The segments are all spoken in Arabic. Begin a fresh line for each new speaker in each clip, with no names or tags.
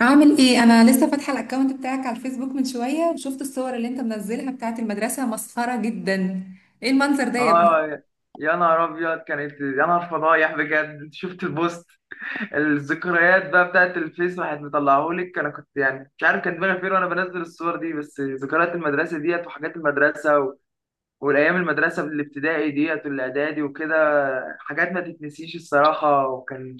عامل ايه؟ انا لسه فاتحه الاكونت بتاعك على الفيسبوك من شويه، وشفت الصور اللي انت منزلها بتاعت المدرسه مسخره جدا. ايه المنظر ده يا ابني؟
اه. يا نهار ابيض كانت، يا نهار فضايح بجد. شفت البوست الذكريات بقى بتاعت الفيس، واحد مطلعهولك؟ انا كنت يعني مش عارف كان دماغي فين وانا بنزل الصور دي، بس ذكريات المدرسه ديت وحاجات المدرسه والايام المدرسه الابتدائي ديت والاعدادي وكده. حاجات ما تتنسيش الصراحه. وكان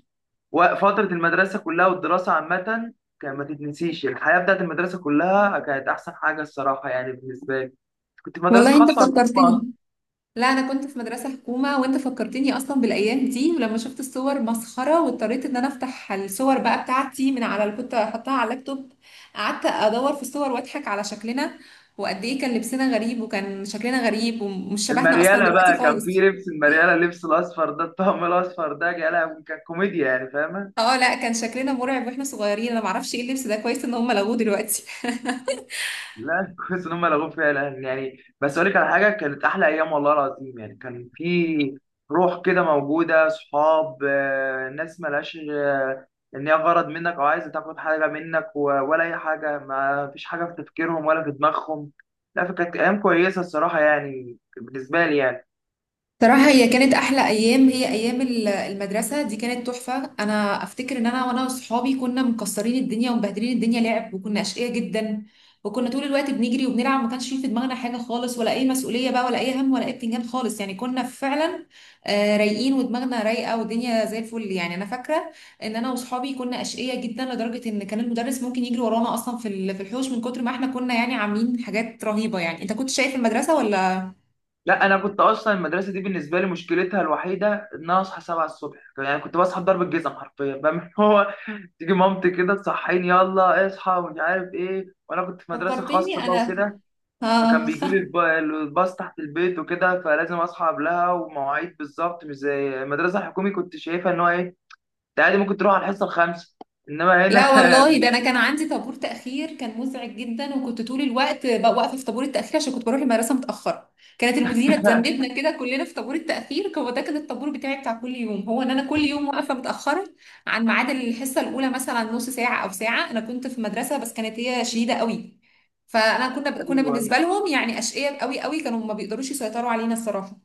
و- فتره المدرسه كلها والدراسه عامه كان ما تتنسيش. الحياه بتاعت المدرسه كلها كانت احسن حاجه الصراحه، يعني بالنسبه لي. كنت في مدرسه
والله انت
خاصه ولا؟
فكرتني. لا، انا كنت في مدرسه حكومه، وانت فكرتني اصلا بالايام دي، ولما شفت الصور مسخره واضطريت ان انا افتح الصور بقى بتاعتي من على اللي كنت حطاها على اللابتوب. قعدت ادور في الصور واضحك على شكلنا، وقد ايه كان لبسنا غريب وكان شكلنا غريب، ومش شبهنا اصلا
المريالة
دلوقتي
بقى، كان في
خالص.
لبس المريالة، اللبس الأصفر ده، الطقم الأصفر ده، يا لهوي كان كوميديا، يعني فاهمة؟
اه، لا، كان شكلنا مرعب واحنا صغيرين، انا معرفش ايه اللبس ده، كويس ان هم لغوه دلوقتي.
لا كويس إن هم لغوا فيها الآن، يعني بس أقول لك على حاجة، كانت أحلى أيام والله العظيم، يعني كان في روح كده موجودة، صحاب ناس ملهاش إن هي غرض منك أو عايزة تاخد حاجة منك ولا أي حاجة، ما فيش حاجة في تفكيرهم ولا في دماغهم، لا. فكانت أيام كويسة الصراحة، يعني بالنسبة لي يعني.
صراحة هي كانت أحلى أيام، هي أيام المدرسة دي كانت تحفة. أنا أفتكر إن أنا وصحابي كنا مكسرين الدنيا ومبهدلين الدنيا لعب، وكنا أشقياء جدا. وكنا طول الوقت بنجري وبنلعب، ما كانش في دماغنا حاجة خالص، ولا أي مسؤولية بقى، ولا أي هم، ولا أي بتنجان خالص، يعني كنا فعلا رايقين ودماغنا رايقة والدنيا زي الفل، يعني أنا فاكرة إن أنا وصحابي كنا أشقياء جدا، لدرجة إن كان المدرس ممكن يجري ورانا أصلا في الحوش، من كتر ما إحنا كنا يعني عاملين حاجات رهيبة، يعني أنت كنت شايف المدرسة ولا؟
لا انا كنت اصلا المدرسه دي بالنسبه لي مشكلتها الوحيده ان انا اصحى 7 الصبح، يعني كنت بصحى بضرب الجزم حرفيا بقى من هو تيجي مامتي كده تصحيني، يلا اصحى ومش عارف ايه. وانا كنت في مدرسه
فكرتني
خاصه بقى
أنا.
وكده، فكان
آه،
بيجي لي الباص تحت البيت وكده، فلازم اصحى قبلها، ومواعيد بالظبط، مش زي المدرسه الحكومي كنت شايفها ان هو ايه، انت عادي ممكن تروح على الحصه الخامسه. انما هنا.
لا والله، ده انا كان عندي طابور تاخير كان مزعج جدا، وكنت طول الوقت بقى واقفه في طابور التاخير عشان كنت بروح المدرسه متاخره. كانت المديره تذنبنا كده كلنا في طابور التاخير، هو ده كان الطابور بتاعي بتاع كل يوم، هو ان انا كل يوم واقفه متاخره عن ميعاد الحصه الاولى، مثلا نص ساعه او ساعه. انا كنت في مدرسه بس كانت هي شديده قوي، فانا كنا
ايوه
بالنسبه لهم يعني اشقياء قوي قوي، كانوا ما بيقدروش يسيطروا علينا الصراحه.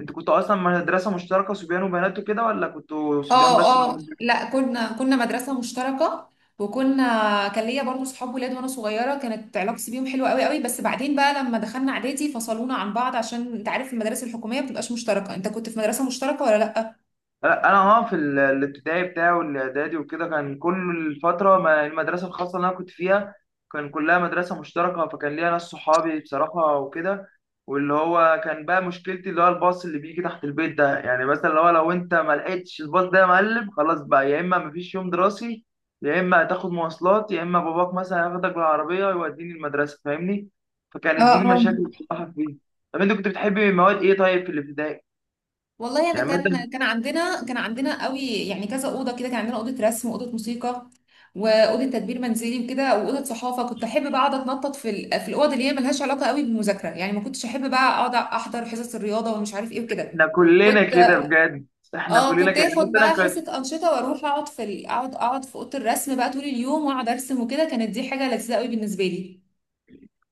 انت كنت اصلا مدرسه مشتركه صبيان وبنات وكده، ولا كنتوا صبيان بس
اه، اه،
وبنات؟
لا، كنا مدرسة مشتركة. وكنا، كان ليا برضه صحاب ولاد وانا صغيرة، كانت علاقتي بيهم حلوة قوي قوي، بس بعدين بقى لما دخلنا اعدادي فصلونا عن بعض، عشان انت عارف المدارس الحكومية ما بتبقاش مشتركة، انت كنت في مدرسة مشتركة ولا لا؟
انا اه الابتدائي بتاعي والاعدادي وكده، كان كل الفتره ما المدرسه الخاصه اللي انا كنت فيها، كان كلها مدرسه مشتركه، فكان ليا ناس صحابي بصراحه وكده. واللي هو كان بقى مشكلتي، اللي هو الباص اللي بيجي تحت البيت ده، يعني مثلا لو انت ما لقيتش الباص ده يا معلم، خلاص بقى يا اما مفيش يوم دراسي، يا اما هتاخد مواصلات، يا اما باباك مثلا هياخدك بالعربيه ويوديني المدرسه، فاهمني؟
اه،
فكانت دي
اه،
المشاكل اللي بصراحه فيه. طب انت كنت بتحبي مواد ايه طيب في الابتدائي؟
والله انا
يعني مثلا.
كان عندنا قوي، يعني كذا اوضه كده، كان عندنا اوضه رسم واوضه موسيقى واوضه تدبير منزلي وكده واوضه صحافه. كنت احب بقى اقعد اتنطط في الاوض اللي هي ملهاش علاقه قوي بالمذاكره، يعني ما كنتش احب بقى اقعد احضر حصص الرياضه ومش عارف ايه وكده.
احنا كلنا
كنت
كده بجد، احنا
اه
كلنا
كنت
كده بس
اخد
انا
بقى
كنت،
حصه انشطه واروح اقعد في اوضه الرسم بقى طول اليوم، واقعد ارسم وكده، كانت دي حاجه لذيذه قوي بالنسبه لي.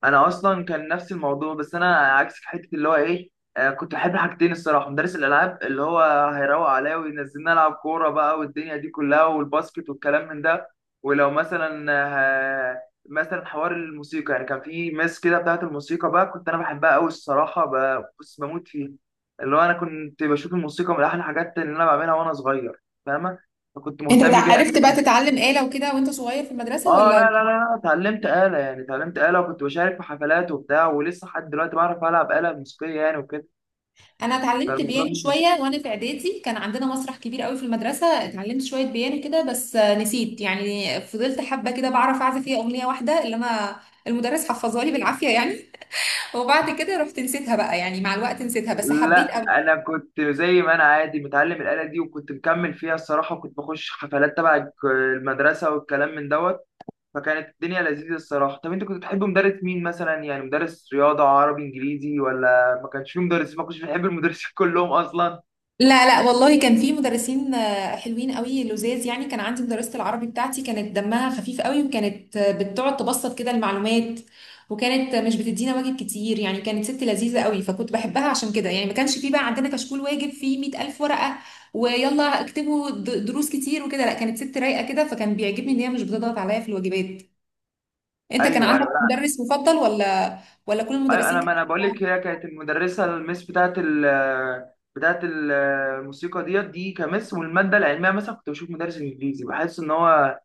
انا اصلا كان نفس الموضوع، بس انا عكسك في حته، اللي هو ايه، آه كنت بحب حاجتين الصراحه، مدرس الالعاب اللي هو هيروق عليا وينزلنا العب كوره بقى والدنيا دي كلها والباسكت والكلام من ده. ولو مثلا، آه، مثلا حوار الموسيقى، يعني كان في مس كده بتاعت الموسيقى بقى، كنت انا بحبها قوي الصراحه، بص بموت فيها. اللي هو انا كنت بشوف الموسيقى من احلى الحاجات اللي انا بعملها وانا صغير، فاهمه، فكنت
انت
مهتم بيها.
عرفت بقى تتعلم آلة وكده وانت صغير في المدرسه
اه،
ولا؟
لا لا لا لا، اتعلمت آلة، يعني اتعلمت آلة، وكنت بشارك في حفلات وبتاع، ولسه لحد دلوقتي بعرف ألعب آلة موسيقية يعني وكده.
انا اتعلمت
فالموضوع
بيانو
مش-
شويه وانا في اعدادي، كان عندنا مسرح كبير قوي في المدرسه، اتعلمت شويه بيانو كده، بس نسيت، يعني فضلت حبه كده بعرف اعزف فيها اغنيه واحده، اللي انا المدرس حفظها لي بالعافيه يعني. وبعد كده رحت نسيتها بقى، يعني مع الوقت نسيتها بس حبيت.
لا أنا كنت زي ما أنا عادي متعلم الآلة دي، وكنت مكمل فيها الصراحة، وكنت بخش حفلات تبع المدرسة والكلام من دوت. فكانت الدنيا لذيذة الصراحة. طب أنت كنت بتحب مدرس مين مثلا؟ يعني مدرس رياضة عربي إنجليزي، ولا ما كانش فيه مدرسين، ما كنتش بتحب المدرسين كلهم أصلا؟
لا، لا، والله كان في مدرسين حلوين قوي لذاذ، يعني كان عندي مدرسة العربي بتاعتي كانت دمها خفيف قوي، وكانت بتقعد تبسط كده المعلومات، وكانت مش بتدينا واجب كتير، يعني كانت ست لذيذة قوي فكنت بحبها عشان كده، يعني ما كانش في بقى عندنا كشكول واجب فيه 100,000 ورقة، ويلا اكتبوا دروس كتير وكده، لا كانت ست رايقة كده، فكان بيعجبني ان هي مش بتضغط عليا في الواجبات. انت كان
أيوه،
عندك مدرس مفضل، ولا كل
ايوه،
المدرسين
انا ما انا بقول
كانوا؟
لك هي كانت المدرسه، المس بتاعت بتاعت ال- الموسيقى ديت، دي كمس. والماده العلميه مثلا، كنت بشوف مدرس انجليزي بحس ان هو،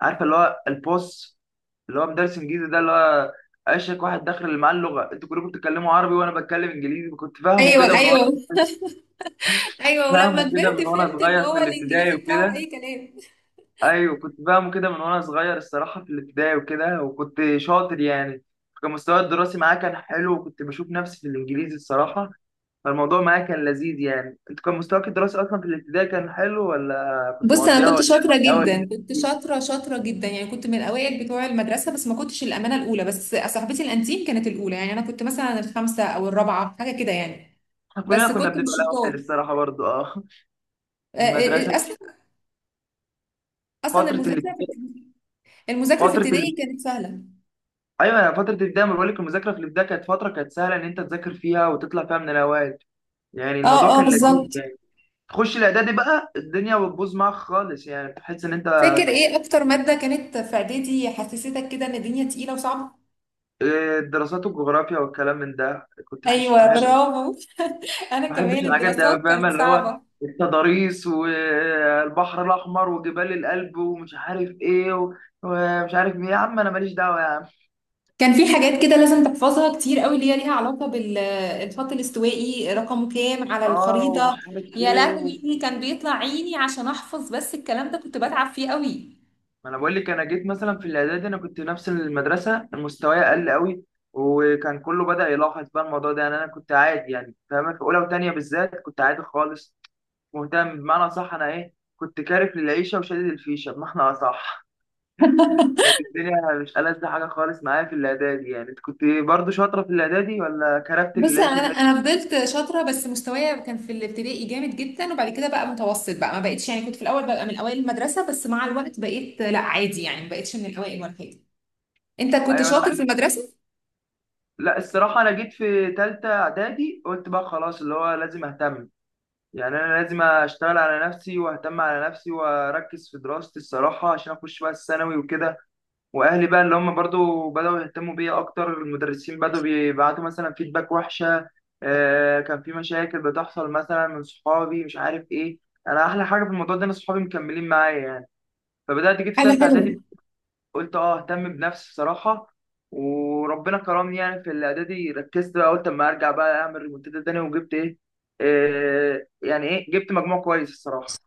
عارفه اللي هو البوس، اللي هو مدرس انجليزي ده، اللي هو اشك واحد داخل اللي معاه اللغه، انتوا كلكم بتتكلموا عربي وانا بتكلم انجليزي، كنت فاهمه
ايوه،
كده من وانا
ايوه، ايوه، ولما
فاهمه كده
كبرت
من وانا
فهمت ان
صغير في
هو
الابتدائي
الانجليزي بتاعه اي
وكده.
كلام.
ايوه كنت فاهمه كده من وانا صغير الصراحه في الابتدائي وكده، وكنت شاطر يعني، كان مستواي الدراسي معاه كان حلو، وكنت بشوف نفسي في الانجليزي الصراحه. فالموضوع معايا كان لذيذ يعني. انت كان مستواك الدراسي اصلا في الابتدائي كان حلو، ولا كنت
بص انا
مقضيها
كنت
ولا؟
شاطره جدا،
الاول؟
كنت شاطره شاطره جدا، يعني كنت من الاوائل بتوع المدرسه، بس ما كنتش الامانه الاولى، بس صاحبتي الانتيم كانت الاولى، يعني انا كنت مثلا الخامسه او الرابعه حاجه كده يعني.
احنا كلنا
بس
كنا
كنت
بنبقى
مش شطار
الاول الصراحه برضو، اه. المدرسه،
اصلا، اصلا
فتره
المذاكره
الابتدائي،
في
فتره ال...
ابتدائي كانت سهله.
ايوه أنا فتره الابتدائي ما بقولك، المذاكره في الابتدائي كانت فتره كانت سهله ان انت تذاكر فيها وتطلع فيها من الاوائل، يعني
اه،
الموضوع
اه،
كان لذيذ
بالظبط.
يعني. تخش الاعدادي بقى الدنيا بتبوظ معاك خالص، يعني تحس ان انت،
فاكر ايه اكتر ماده كانت في اعدادي حسستك كده ان الدنيا تقيله وصعبه؟
الدراسات والجغرافيا والكلام من ده كنت وحش
ايوه،
معايا.
برافو. انا
ما بحبش
كمان
الحاجات دي أوي،
الدراسات
فاهمة
كانت
اللي هو
صعبه،
التضاريس والبحر الأحمر وجبال الألب ومش عارف إيه ومش عارف إيه يا عم، أنا ماليش دعوة يا عم.
كان في حاجات كده لازم تحفظها كتير قوي، اللي هي ليها علاقة بالخط الاستوائي رقمه كام على
آه ومش
الخريطة.
عارف
يا
إيه
لهوي كان بيطلع عيني عشان احفظ، بس الكلام ده كنت بتعب فيه قوي.
ما أنا بقول لك، أنا جيت مثلا في الإعدادي، أنا كنت نفس المدرسة مستواي أقل أوي، وكان كله بدأ يلاحظ بقى الموضوع ده، يعني أنا كنت عادي يعني فاهمة، في أولى وتانية بالذات كنت عادي خالص، مهتم بمعنى صح. أنا إيه كنت كارف للعيشة وشادد الفيشة بمعنى أصح. كانت الدنيا مش ألذ حاجة خالص معايا في الإعدادي، يعني أنت كنت برضو شاطرة في الإعدادي، ولا كرفت
بص
العيشة
انا
زي؟
انا فضلت شاطره، بس مستوايا كان في الابتدائي جامد جدا، وبعد كده بقى متوسط بقى ما بقتش، يعني كنت في الاول ببقى من اوائل المدرسه، بس مع الوقت بقيت لا عادي، يعني ما بقتش من الاوائل ولا حاجه. انت كنت
أيوة أنا
شاطر في
كنت،
المدرسه؟
لا الصراحة أنا جيت في تالتة إعدادي قلت بقى خلاص، اللي هو لازم أهتم، يعني أنا لازم أشتغل على نفسي وأهتم على نفسي وأركز في دراستي الصراحة، عشان أخش بقى الثانوي وكده. وأهلي بقى اللي هم برضو بدأوا يهتموا بيا أكتر، المدرسين بدأوا بيبعتوا مثلا فيدباك وحشة، كان في مشاكل بتحصل مثلا من صحابي، مش عارف إيه. أنا أحلى حاجة في الموضوع ده إن صحابي مكملين معايا يعني. فبدأت جيت في
حاجة
تالتة
حلوة.
إعدادي قلت أه أهتم بنفسي بصراحة، وربنا كرمني يعني. في الإعدادي ركزت بقى، قلت أما أرجع بقى أعمل ريمونتادا تاني، وجبت إيه، إيه يعني إيه، جبت مجموع كويس الصراحة.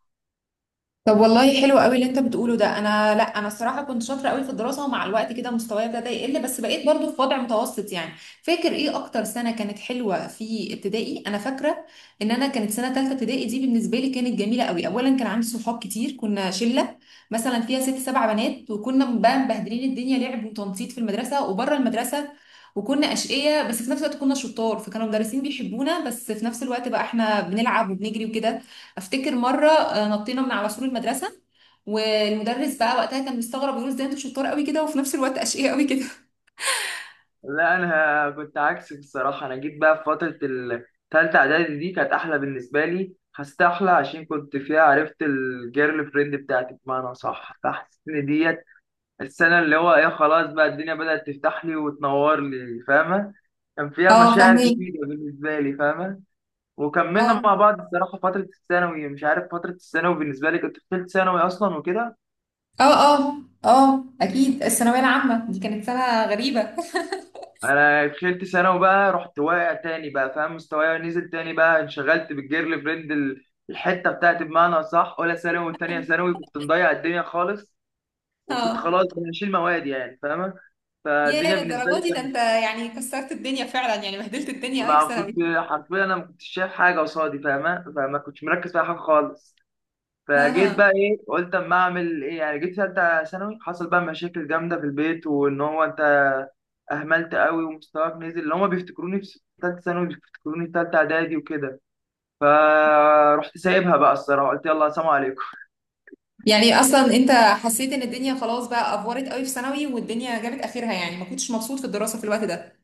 طب والله حلو قوي اللي انت بتقوله ده، انا، لا، انا الصراحه كنت شاطره قوي في الدراسه، ومع الوقت كده مستواي ابتدى يقل، بس بقيت برضو في وضع متوسط يعني. فاكر ايه اكتر سنه كانت حلوه في ابتدائي؟ انا فاكره ان انا كانت سنه ثالثه ابتدائي دي بالنسبه لي كانت جميله قوي، اولا كان عندي صحاب كتير، كنا شله مثلا فيها ست سبع بنات، وكنا بقى مبهدلين الدنيا لعب وتنطيط في المدرسه وبره المدرسه، وكنا اشقياء بس في نفس الوقت كنا شطار، فكانوا المدرسين بيحبونا، بس في نفس الوقت بقى احنا بنلعب وبنجري وكده. افتكر مره نطينا من على سور المدرسه، والمدرس بقى وقتها كان مستغرب، يقول ازاي انتوا شطار قوي كده وفي نفس الوقت اشقياء قوي كده.
لا أنا كنت عكسك الصراحة، أنا جيت بقى في فترة التالتة إعدادي دي كانت أحلى بالنسبة لي، حسيت أحلى عشان كنت فيها عرفت الجيرل فريند بتاعتي بمعنى صح. فحسيت إن ديت السنة اللي هو ايه، خلاص بقى الدنيا بدأت تفتح لي وتنور لي، فاهمة. كان فيها
اه،
مشاعر
فاهمك.
جديدة بالنسبة لي فاهمة. وكملنا
اه،
مع بعض الصراحة فترة الثانوي، مش عارف فترة الثانوي بالنسبة لي، كنت في تالت ثانوي أصلا وكده.
اه، اه، اه، اكيد الثانويه العامه دي كانت سنه غريبه.
أنا دخلت ثانوي بقى رحت واقع تاني بقى فاهم، مستواي نزل تاني بقى، انشغلت بالجيرل فريند الحتة بتاعتي بمعنى صح، أولى ثانوي وتانية ثانوي كنت مضيع الدنيا خالص، وكنت
اه،
خلاص بقى هشيل مواد يعني فاهمة. فالدنيا
يا
بالنسبة
للدرجه دي؟ ده
لي،
انت يعني كسرت الدنيا فعلا، يعني بهدلت الدنيا قوي في
ما كنت
ثانوي.
حرفيا، انا ما كنتش شايف حاجه قصادي فاهمه، فما كنتش مركز في أي حاجه خالص.
ها،
فجيت
ها.
بقى ايه قلت اما اعمل ايه، يعني جيت ثالثه ثانوي حصل بقى مشاكل جامده في البيت، وان هو انت اهملت قوي ومستواك نزل، اللي هما بيفتكروني في ثالثه ثانوي بيفتكروني في ثالثه اعدادي وكده. فرحت سايبها بقى الصراحه، قلت يلا سلام عليكم.
يعني اصلا انت حسيت ان الدنيا خلاص بقى افورت قوي في ثانوي، والدنيا جابت اخرها، يعني ما كنتش مبسوط في الدراسه في الوقت ده؟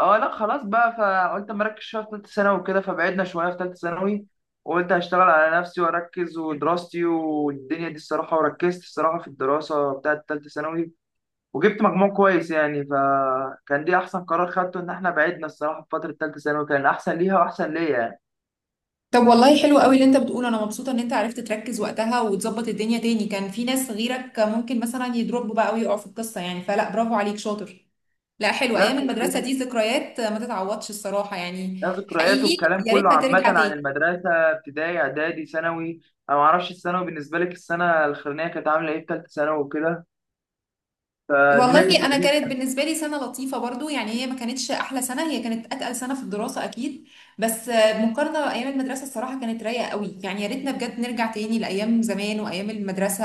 اه لا خلاص بقى، فقلت مركز شويه في ثالثه ثانوي وكده، فبعدنا شويه في ثالثه ثانوي، وقلت هشتغل على نفسي واركز ودراستي والدنيا دي الصراحه، وركزت الصراحه في الدراسه بتاعه ثالثه ثانوي، وجبت مجموع كويس يعني. فكان دي احسن قرار خدته، ان احنا بعدنا الصراحه في فتره ثالثه ثانوي كان احسن ليها واحسن ليا يعني.
طب والله حلو قوي اللي انت بتقوله، انا مبسوطه ان انت عرفت تركز وقتها وتظبط الدنيا تاني، كان في ناس غيرك ممكن مثلا يضربوا بقى ويقعوا في القصه يعني، فلا، برافو عليك شاطر. لا، حلو
لا
ايام المدرسه
كان
دي، ذكريات ما تتعوضش الصراحه، يعني
لها ذكريات
حقيقي
والكلام
يا
كله
ريتها
عامه
ترجع
عن
تاني.
المدرسه، ابتدائي اعدادي ثانوي. انا ما اعرفش الثانوي بالنسبه لك السنه الاخرانيه كانت عامله ايه، في ثالثه ثانوي وكده. فالدنيا كانت
والله انا
لذيذه.
كانت بالنسبه لي سنه لطيفه برضو، يعني هي ما كانتش احلى سنه، هي كانت اتقل سنه في الدراسه اكيد. بس مقارنه بايام المدرسه الصراحه كانت رايقه قوي، يعني يا ريتنا بجد نرجع تاني لايام زمان وايام المدرسه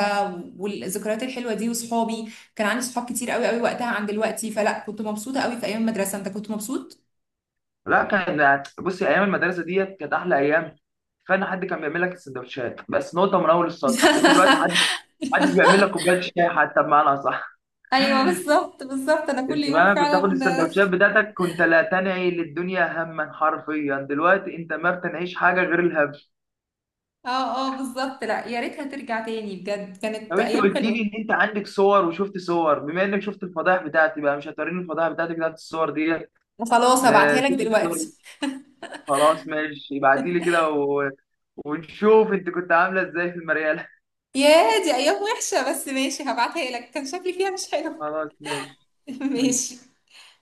والذكريات الحلوه دي، وصحابي كان عندي صحاب كتير قوي قوي وقتها عن دلوقتي، فلا كنت مبسوطه قوي في ايام المدرسه، انت كنت مبسوط؟
لا كان بصي، ايام المدرسه ديت كانت احلى ايام. كفايه ان حد كان بيعمل لك السندوتشات، بس نقطه من اول السطر، انت دلوقتي محدش بيعمل لك كوبايه شاي حتى، بمعنى صح.
ايوه، بالظبط، بالظبط، انا كل
انت
يوم
فاهم، كنت
فعلا.
تاخد السندوتشات بتاعتك، كنت لا تنعي للدنيا. هما حرفيا دلوقتي انت ما بتنعيش حاجه غير الهم.
اه، اه، بالظبط. لا، يا ريتها ترجع تاني، بجد كانت
طب انت
ايام
قلت
حلوه.
لي ان انت عندك صور، وشفت صور، بما انك شفت الفضائح بتاعتي بقى، مش هتوريني الفضائح بتاعتك بتاعت الصور ديت؟
وخلاص هبعتها لك
نشوف الصور.
دلوقتي.
خلاص ماشي، ابعتي لي كده ونشوف انت كنت عامله ازاي في المريال.
ياه، دي ايام وحشه بس ماشي هبعتها لك، كان شكلي فيها مش حلو.
خلاص ماشي. ماشي.
ماشي.